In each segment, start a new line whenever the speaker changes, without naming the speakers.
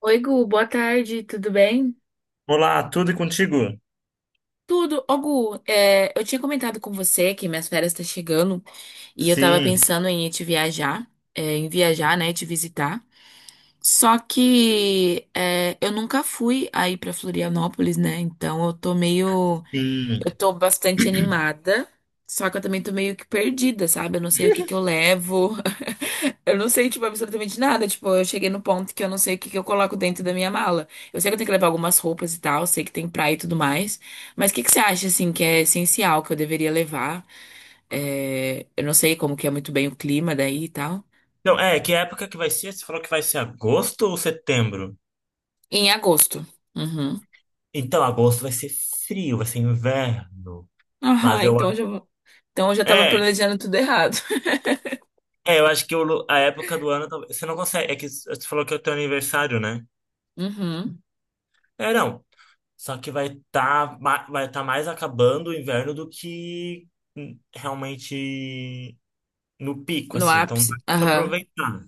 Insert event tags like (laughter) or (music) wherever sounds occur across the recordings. Oi, Gu, boa tarde, tudo bem?
Olá, tudo e contigo?
Tudo. Ô, Gu, eu tinha comentado com você que minhas férias estão chegando e eu tava
Sim,
pensando em ir te viajar, te visitar. Só que eu nunca fui aí pra Florianópolis, né? Então eu tô meio. Eu
sim.
tô bastante
(clears throat)
animada, só que eu também tô meio que perdida, sabe? Eu não sei o que que eu levo. (laughs) Eu não sei, tipo, absolutamente nada. Tipo, eu cheguei no ponto que eu não sei o que que eu coloco dentro da minha mala. Eu sei que eu tenho que levar algumas roupas e tal, sei que tem praia e tudo mais. Mas o que que você acha, assim, que é essencial, que eu deveria levar? Eu não sei como que é muito bem o clima daí e tal.
Então, que época que vai ser? Você falou que vai ser agosto ou setembro?
Em agosto. Uhum.
Então, agosto vai ser frio, vai ser inverno.
Aham,
Mas eu...
então eu já vou... Então eu já tava
É,
planejando tudo errado. (laughs)
eu acho que a época do ano. Você não consegue. É que você falou que é o teu aniversário, né?
Uhum.
É, não. Só que vai tá mais acabando o inverno do que realmente no pico,
No
assim. Então,
ápice.
dá pra
Aham.
aproveitar.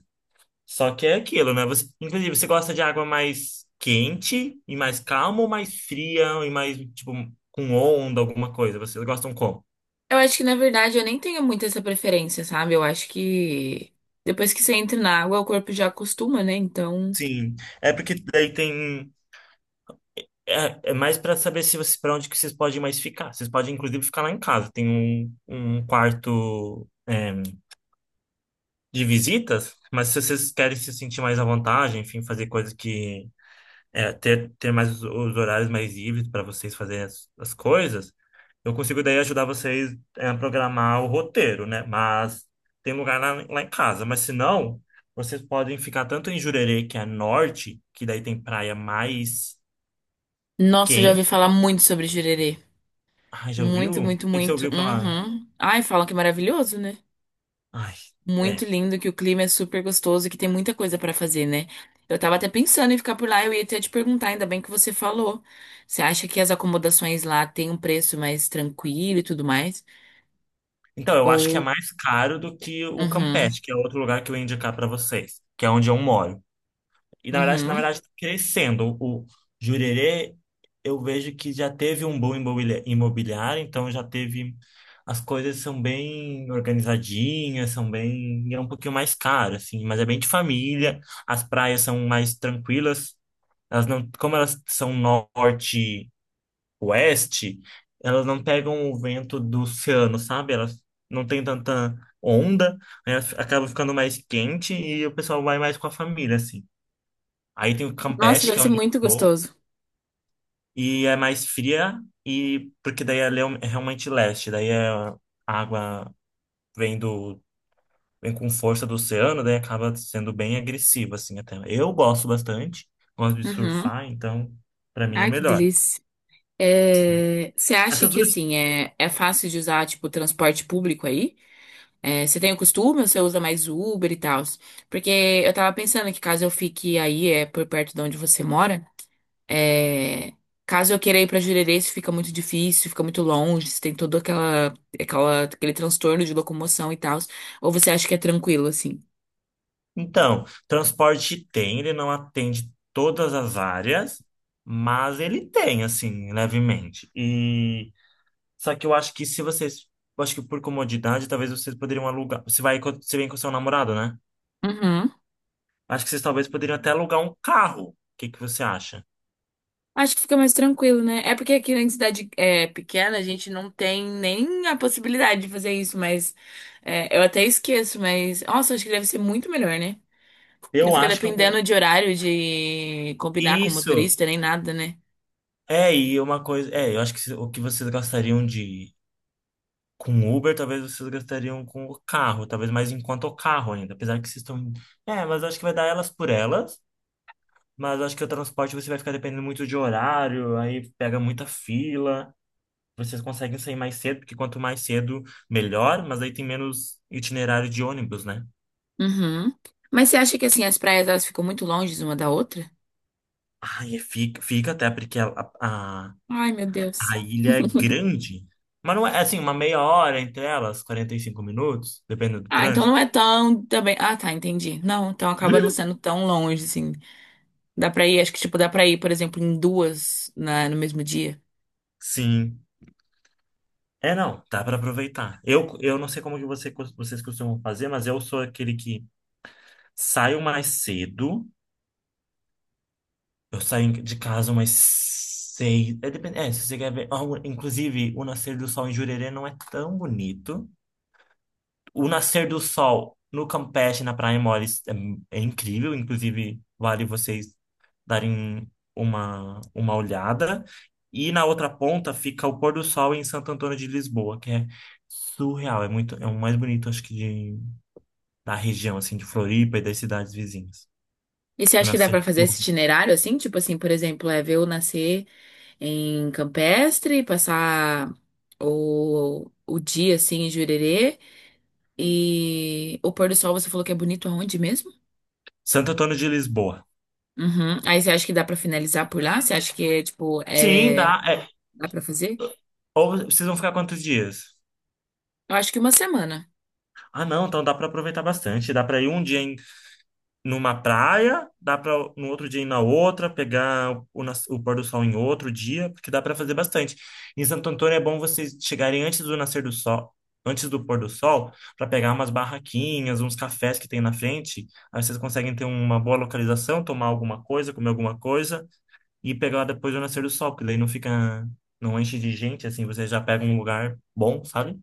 Só que é aquilo, né? Você, inclusive, você gosta de água mais quente e mais calma, ou mais fria e mais, tipo, com onda, alguma coisa? Vocês gostam como?
Eu acho que, na verdade, eu nem tenho muito essa preferência, sabe? Eu acho que depois que você entra na água, o corpo já acostuma, né? Então.
Sim, é porque daí tem. É mais para saber se vocês, para onde que vocês podem mais ficar. Vocês podem, inclusive, ficar lá em casa. Tem um quarto de visitas, mas se vocês querem se sentir mais à vontade, enfim, fazer coisas que ter, mais os horários mais livres para vocês fazerem as coisas, eu consigo daí ajudar vocês a programar o roteiro, né? Mas tem lugar lá em casa. Mas se não, vocês podem ficar tanto em Jurerê, que é norte, que daí tem praia mais
Nossa, eu já ouvi falar
quente.
muito sobre jurerê.
Ai, já ouviu?
Muito,
O
muito,
que que você
muito.
ouviu falar?
Uhum. Ai, falam que é maravilhoso, né?
Ai,
Muito
é.
lindo, que o clima é super gostoso e que tem muita coisa pra fazer, né? Eu tava até pensando em ficar por lá, eu ia até te perguntar, ainda bem que você falou. Você acha que as acomodações lá têm um preço mais tranquilo e tudo mais?
Então, eu acho que é
Ou.
mais caro do que o
Uhum.
Campeche, que é outro lugar que eu ia indicar para vocês, que é onde eu moro. E na
Uhum.
verdade, tá crescendo. O Jurerê, eu vejo que já teve um boom imobiliário, então já teve. As coisas são bem organizadinhas, são bem. E é um pouquinho mais caro, assim, mas é bem de família. As praias são mais tranquilas. Elas não, como elas são norte-oeste, elas não pegam o vento do oceano, sabe? Elas não tem tanta onda, aí elas acabam ficando mais quente e o pessoal vai mais com a família, assim. Aí tem o
Nossa,
Campeche,
deve
que é
ser
onde
muito
estou,
gostoso.
e é mais fria, e porque daí é realmente leste, a água vem do vem com força do oceano, daí acaba sendo bem agressiva assim, até. Eu gosto bastante, gosto de
Uhum.
surfar, então para mim é
Ai, que
melhor.
delícia. Você acha
Essas
que
duas.
assim é fácil de usar tipo transporte público aí? Você tem o costume ou você usa mais Uber e tal? Porque eu tava pensando que caso eu fique aí, é por perto de onde você mora, é, caso eu queira ir pra Jurerê, isso fica muito difícil, fica muito longe, você tem todo aquela, aquele transtorno de locomoção e tal. Ou você acha que é tranquilo assim?
Então, transporte tem, ele não atende todas as áreas, mas ele tem, assim, levemente. E só que eu acho que se vocês, eu acho que por comodidade, talvez vocês poderiam alugar. Você vem com seu namorado, né?
Uhum.
Acho que vocês talvez poderiam até alugar um carro. O que que você acha?
Acho que fica mais tranquilo, né? É porque aqui na cidade é, pequena a gente não tem nem a possibilidade de fazer isso, mas é, eu até esqueço, mas nossa, acho que deve ser muito melhor, né? Não
Eu
fica
acho que eu colo-
dependendo de horário de combinar com o
isso.
motorista nem nada, né?
E uma coisa, eu acho que o que vocês gastariam de com Uber, talvez vocês gastariam com o carro, talvez mais, enquanto o carro ainda, apesar que vocês estão, mas eu acho que vai dar elas por elas. Mas eu acho que o transporte você vai ficar dependendo muito de horário, aí pega muita fila. Vocês conseguem sair mais cedo, porque quanto mais cedo, melhor, mas aí tem menos itinerário de ônibus, né?
Uhum. Mas você acha que assim as praias elas ficam muito longe uma da outra?
Ah, e fica até porque a,
Ai, meu Deus.
a ilha é grande. Mas não é assim, uma meia hora entre elas, 45 minutos, dependendo do
Ah, então não
trânsito.
é tão também. Ah, tá, entendi. Não, então acaba não
(laughs)
sendo tão longe assim. Dá pra ir, acho que tipo dá pra ir, por exemplo, em duas no mesmo dia.
Sim. É, não, dá para aproveitar. Eu não sei como que você, vocês costumam fazer, mas eu sou aquele que saio mais cedo. Eu saio de casa umas 6. É, depende, se você quer ver. Ah, inclusive, o nascer do sol em Jurerê não é tão bonito. O nascer do sol no Campeche, na Praia Mole, é incrível. Inclusive, vale vocês darem uma olhada. E na outra ponta fica o pôr do sol em Santo Antônio de Lisboa, que é surreal. É muito, é o mais bonito, acho que, da região, assim, de Floripa e das cidades vizinhas.
E você
O
acha que dá
nascer
pra fazer
do sol.
esse itinerário assim? Tipo assim, por exemplo, é ver eu nascer em Campestre, passar o dia assim em Jurerê e o pôr do sol você falou que é bonito aonde mesmo?
Santo Antônio de Lisboa.
Uhum. Aí você acha que dá pra finalizar por lá? Você acha que é tipo,
Sim,
é...
dá.
dá pra fazer?
Ou vocês vão ficar quantos dias?
Eu acho que uma semana.
Ah, não, então dá para aproveitar bastante. Dá para ir um dia numa praia, dá para no outro dia ir na outra, pegar o pôr do sol em outro dia, porque dá para fazer bastante. Em Santo Antônio é bom vocês chegarem antes do nascer do sol, antes do pôr do sol, para pegar umas barraquinhas, uns cafés que tem na frente. Aí vocês conseguem ter uma boa localização, tomar alguma coisa, comer alguma coisa e pegar depois do nascer do sol, porque daí não fica, não enche de gente, assim, vocês já pegam um lugar bom, sabe?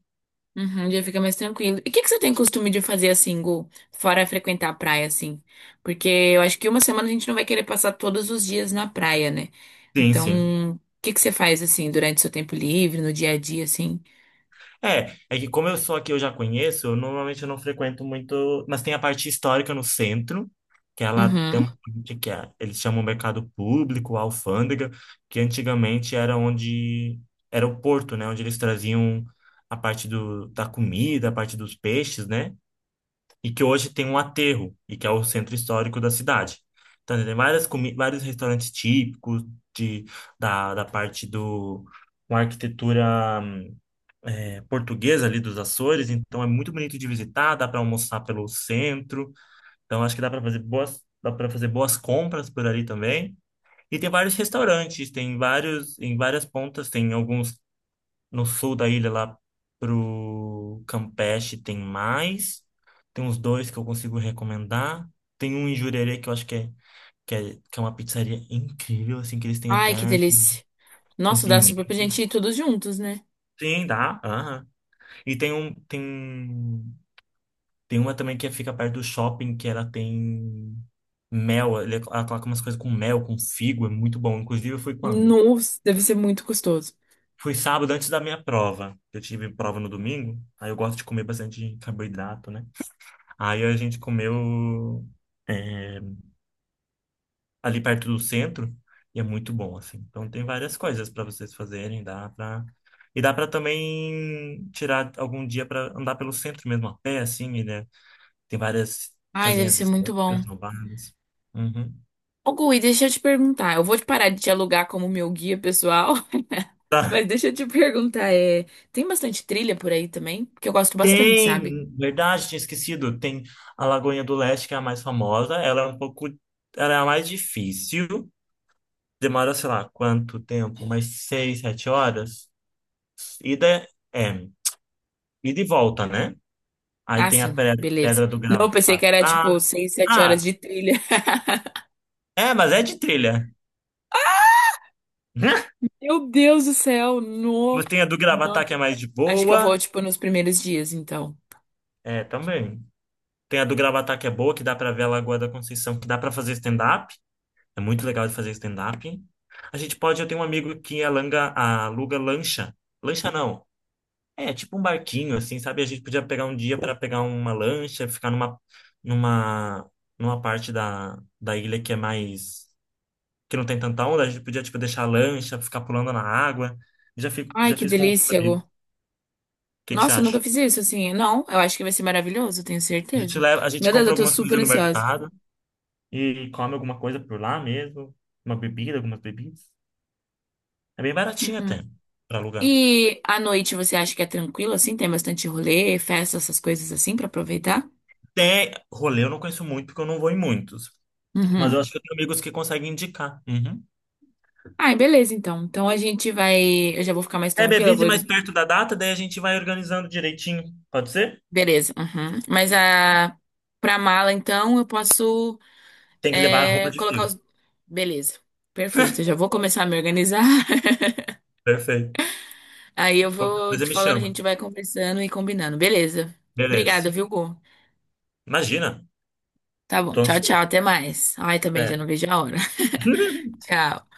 Uhum, já fica mais tranquilo. E o que que você tem costume de fazer assim, Gu? Fora frequentar a praia, assim? Porque eu acho que uma semana a gente não vai querer passar todos os dias na praia, né?
Sim, sim.
Então, o que que você faz assim durante seu tempo livre, no dia a dia, assim?
É que como eu sou aqui, eu já conheço, eu normalmente eu não frequento muito, mas tem a parte histórica no centro, que ela tem
Uhum.
uma parte que é, eles chamam mercado público, alfândega, que antigamente era onde era o porto, né, onde eles traziam a parte da comida, a parte dos peixes, né? E que hoje tem um aterro, e que é o centro histórico da cidade. Então, tem várias comi vários restaurantes típicos de, da parte do com arquitetura portuguesa ali dos Açores, então é muito bonito de visitar, dá para almoçar pelo centro, então acho que dá para fazer boas compras por ali também. E tem vários restaurantes, tem vários em várias pontas, tem alguns no sul da ilha lá pro Campeche, tem mais, tem uns dois que eu consigo recomendar, tem um em Jurerê que eu acho que é que é uma pizzaria incrível, assim, que eles têm até
Ai, que delícia.
com
Nossa, dá
pimenta.
super pra gente ir todos juntos, né?
Sim, dá. Aham. E tem um, tem Tem uma também que fica perto do shopping, que ela tem mel, ela coloca umas coisas com mel, com figo, é muito bom. Inclusive, eu fui quando?
Nossa, deve ser muito gostoso.
Fui sábado antes da minha prova. Eu tive prova no domingo, aí eu gosto de comer bastante carboidrato, né? Aí a gente comeu é, ali perto do centro e é muito bom, assim. Então tem várias coisas para vocês fazerem. E dá pra também tirar algum dia pra andar pelo centro mesmo, a pé, assim, né? Tem várias
Ai, deve
casinhas
ser muito bom.
históricas roubadas. Uhum.
Ô, Gui, deixa eu te perguntar. Eu vou te parar de te alugar como meu guia pessoal, (laughs)
Tá.
mas deixa eu te perguntar, tem bastante trilha por aí também? Porque eu gosto bastante, sabe?
Tem, verdade, tinha esquecido. Tem a Lagoinha do Leste, que é a mais famosa. Ela é a mais difícil. Demora, sei lá, quanto tempo? Umas 6, 7 horas. Ida, é, é, ida e volta, né? Aí
Ah,
tem a
sim, beleza.
Pedra do
Não, eu pensei que era tipo
Gravatá.
seis, sete horas
Ah,
de trilha. (laughs)
é, mas é de trilha. (laughs)
Meu Deus do céu, no.
Mas tem a do
Não,
Gravatá que é mais de
acho que eu vou,
boa.
tipo, nos primeiros dias, então.
É, também. Tem a do Gravatá que é boa, que dá pra ver a Lagoa da Conceição, que dá pra fazer stand-up. É muito legal de fazer stand-up. A gente pode, eu tenho um amigo que aluga lancha. Lancha não. É, tipo um barquinho, assim, sabe? A gente podia pegar um dia para pegar uma lancha, ficar numa, numa parte da ilha que é mais, que não tem tanta onda. A gente podia, tipo, deixar a lancha, ficar pulando na água.
Ai,
Já
que
fiz com o
delícia, Gu.
amigo. O que que você
Nossa, eu
acha?
nunca fiz isso, assim. Não, eu acho que vai ser maravilhoso, eu tenho
A gente
certeza.
leva, a gente
Meu Deus, eu
compra
tô
algumas
super
coisas no
ansiosa.
mercado e come alguma coisa por lá mesmo. Uma bebida, algumas bebidas. É bem baratinho
Uhum.
até, para alugar.
E à noite você acha que é tranquilo assim? Tem bastante rolê, festa, essas coisas assim pra aproveitar?
Tem rolê, eu não conheço muito, porque eu não vou em muitos. Mas eu
Uhum.
acho que eu tenho amigos que conseguem indicar. Uhum.
Ai, beleza então. Então a gente vai. Eu já vou ficar mais
É, me
tranquila, eu
avise
vou.
mais perto da data, daí a gente vai organizando direitinho. Pode ser?
Beleza. Uhum. Mas a. Pra mala então eu posso
Tem que levar a roupa de
colocar
frio.
os. Beleza. Perfeito. Eu já vou começar a me organizar. (laughs)
Perfeito.
Aí eu
Qualquer
vou
coisa
te
me
falando, a
chama.
gente vai conversando e combinando. Beleza. Obrigada,
Beleza.
viu, Gu?
Imagina.
Tá bom.
Tô
Tchau, tchau.
ansioso.
Até mais. Ai, também já não
É.
vejo a hora. (laughs)
(laughs)
Tchau.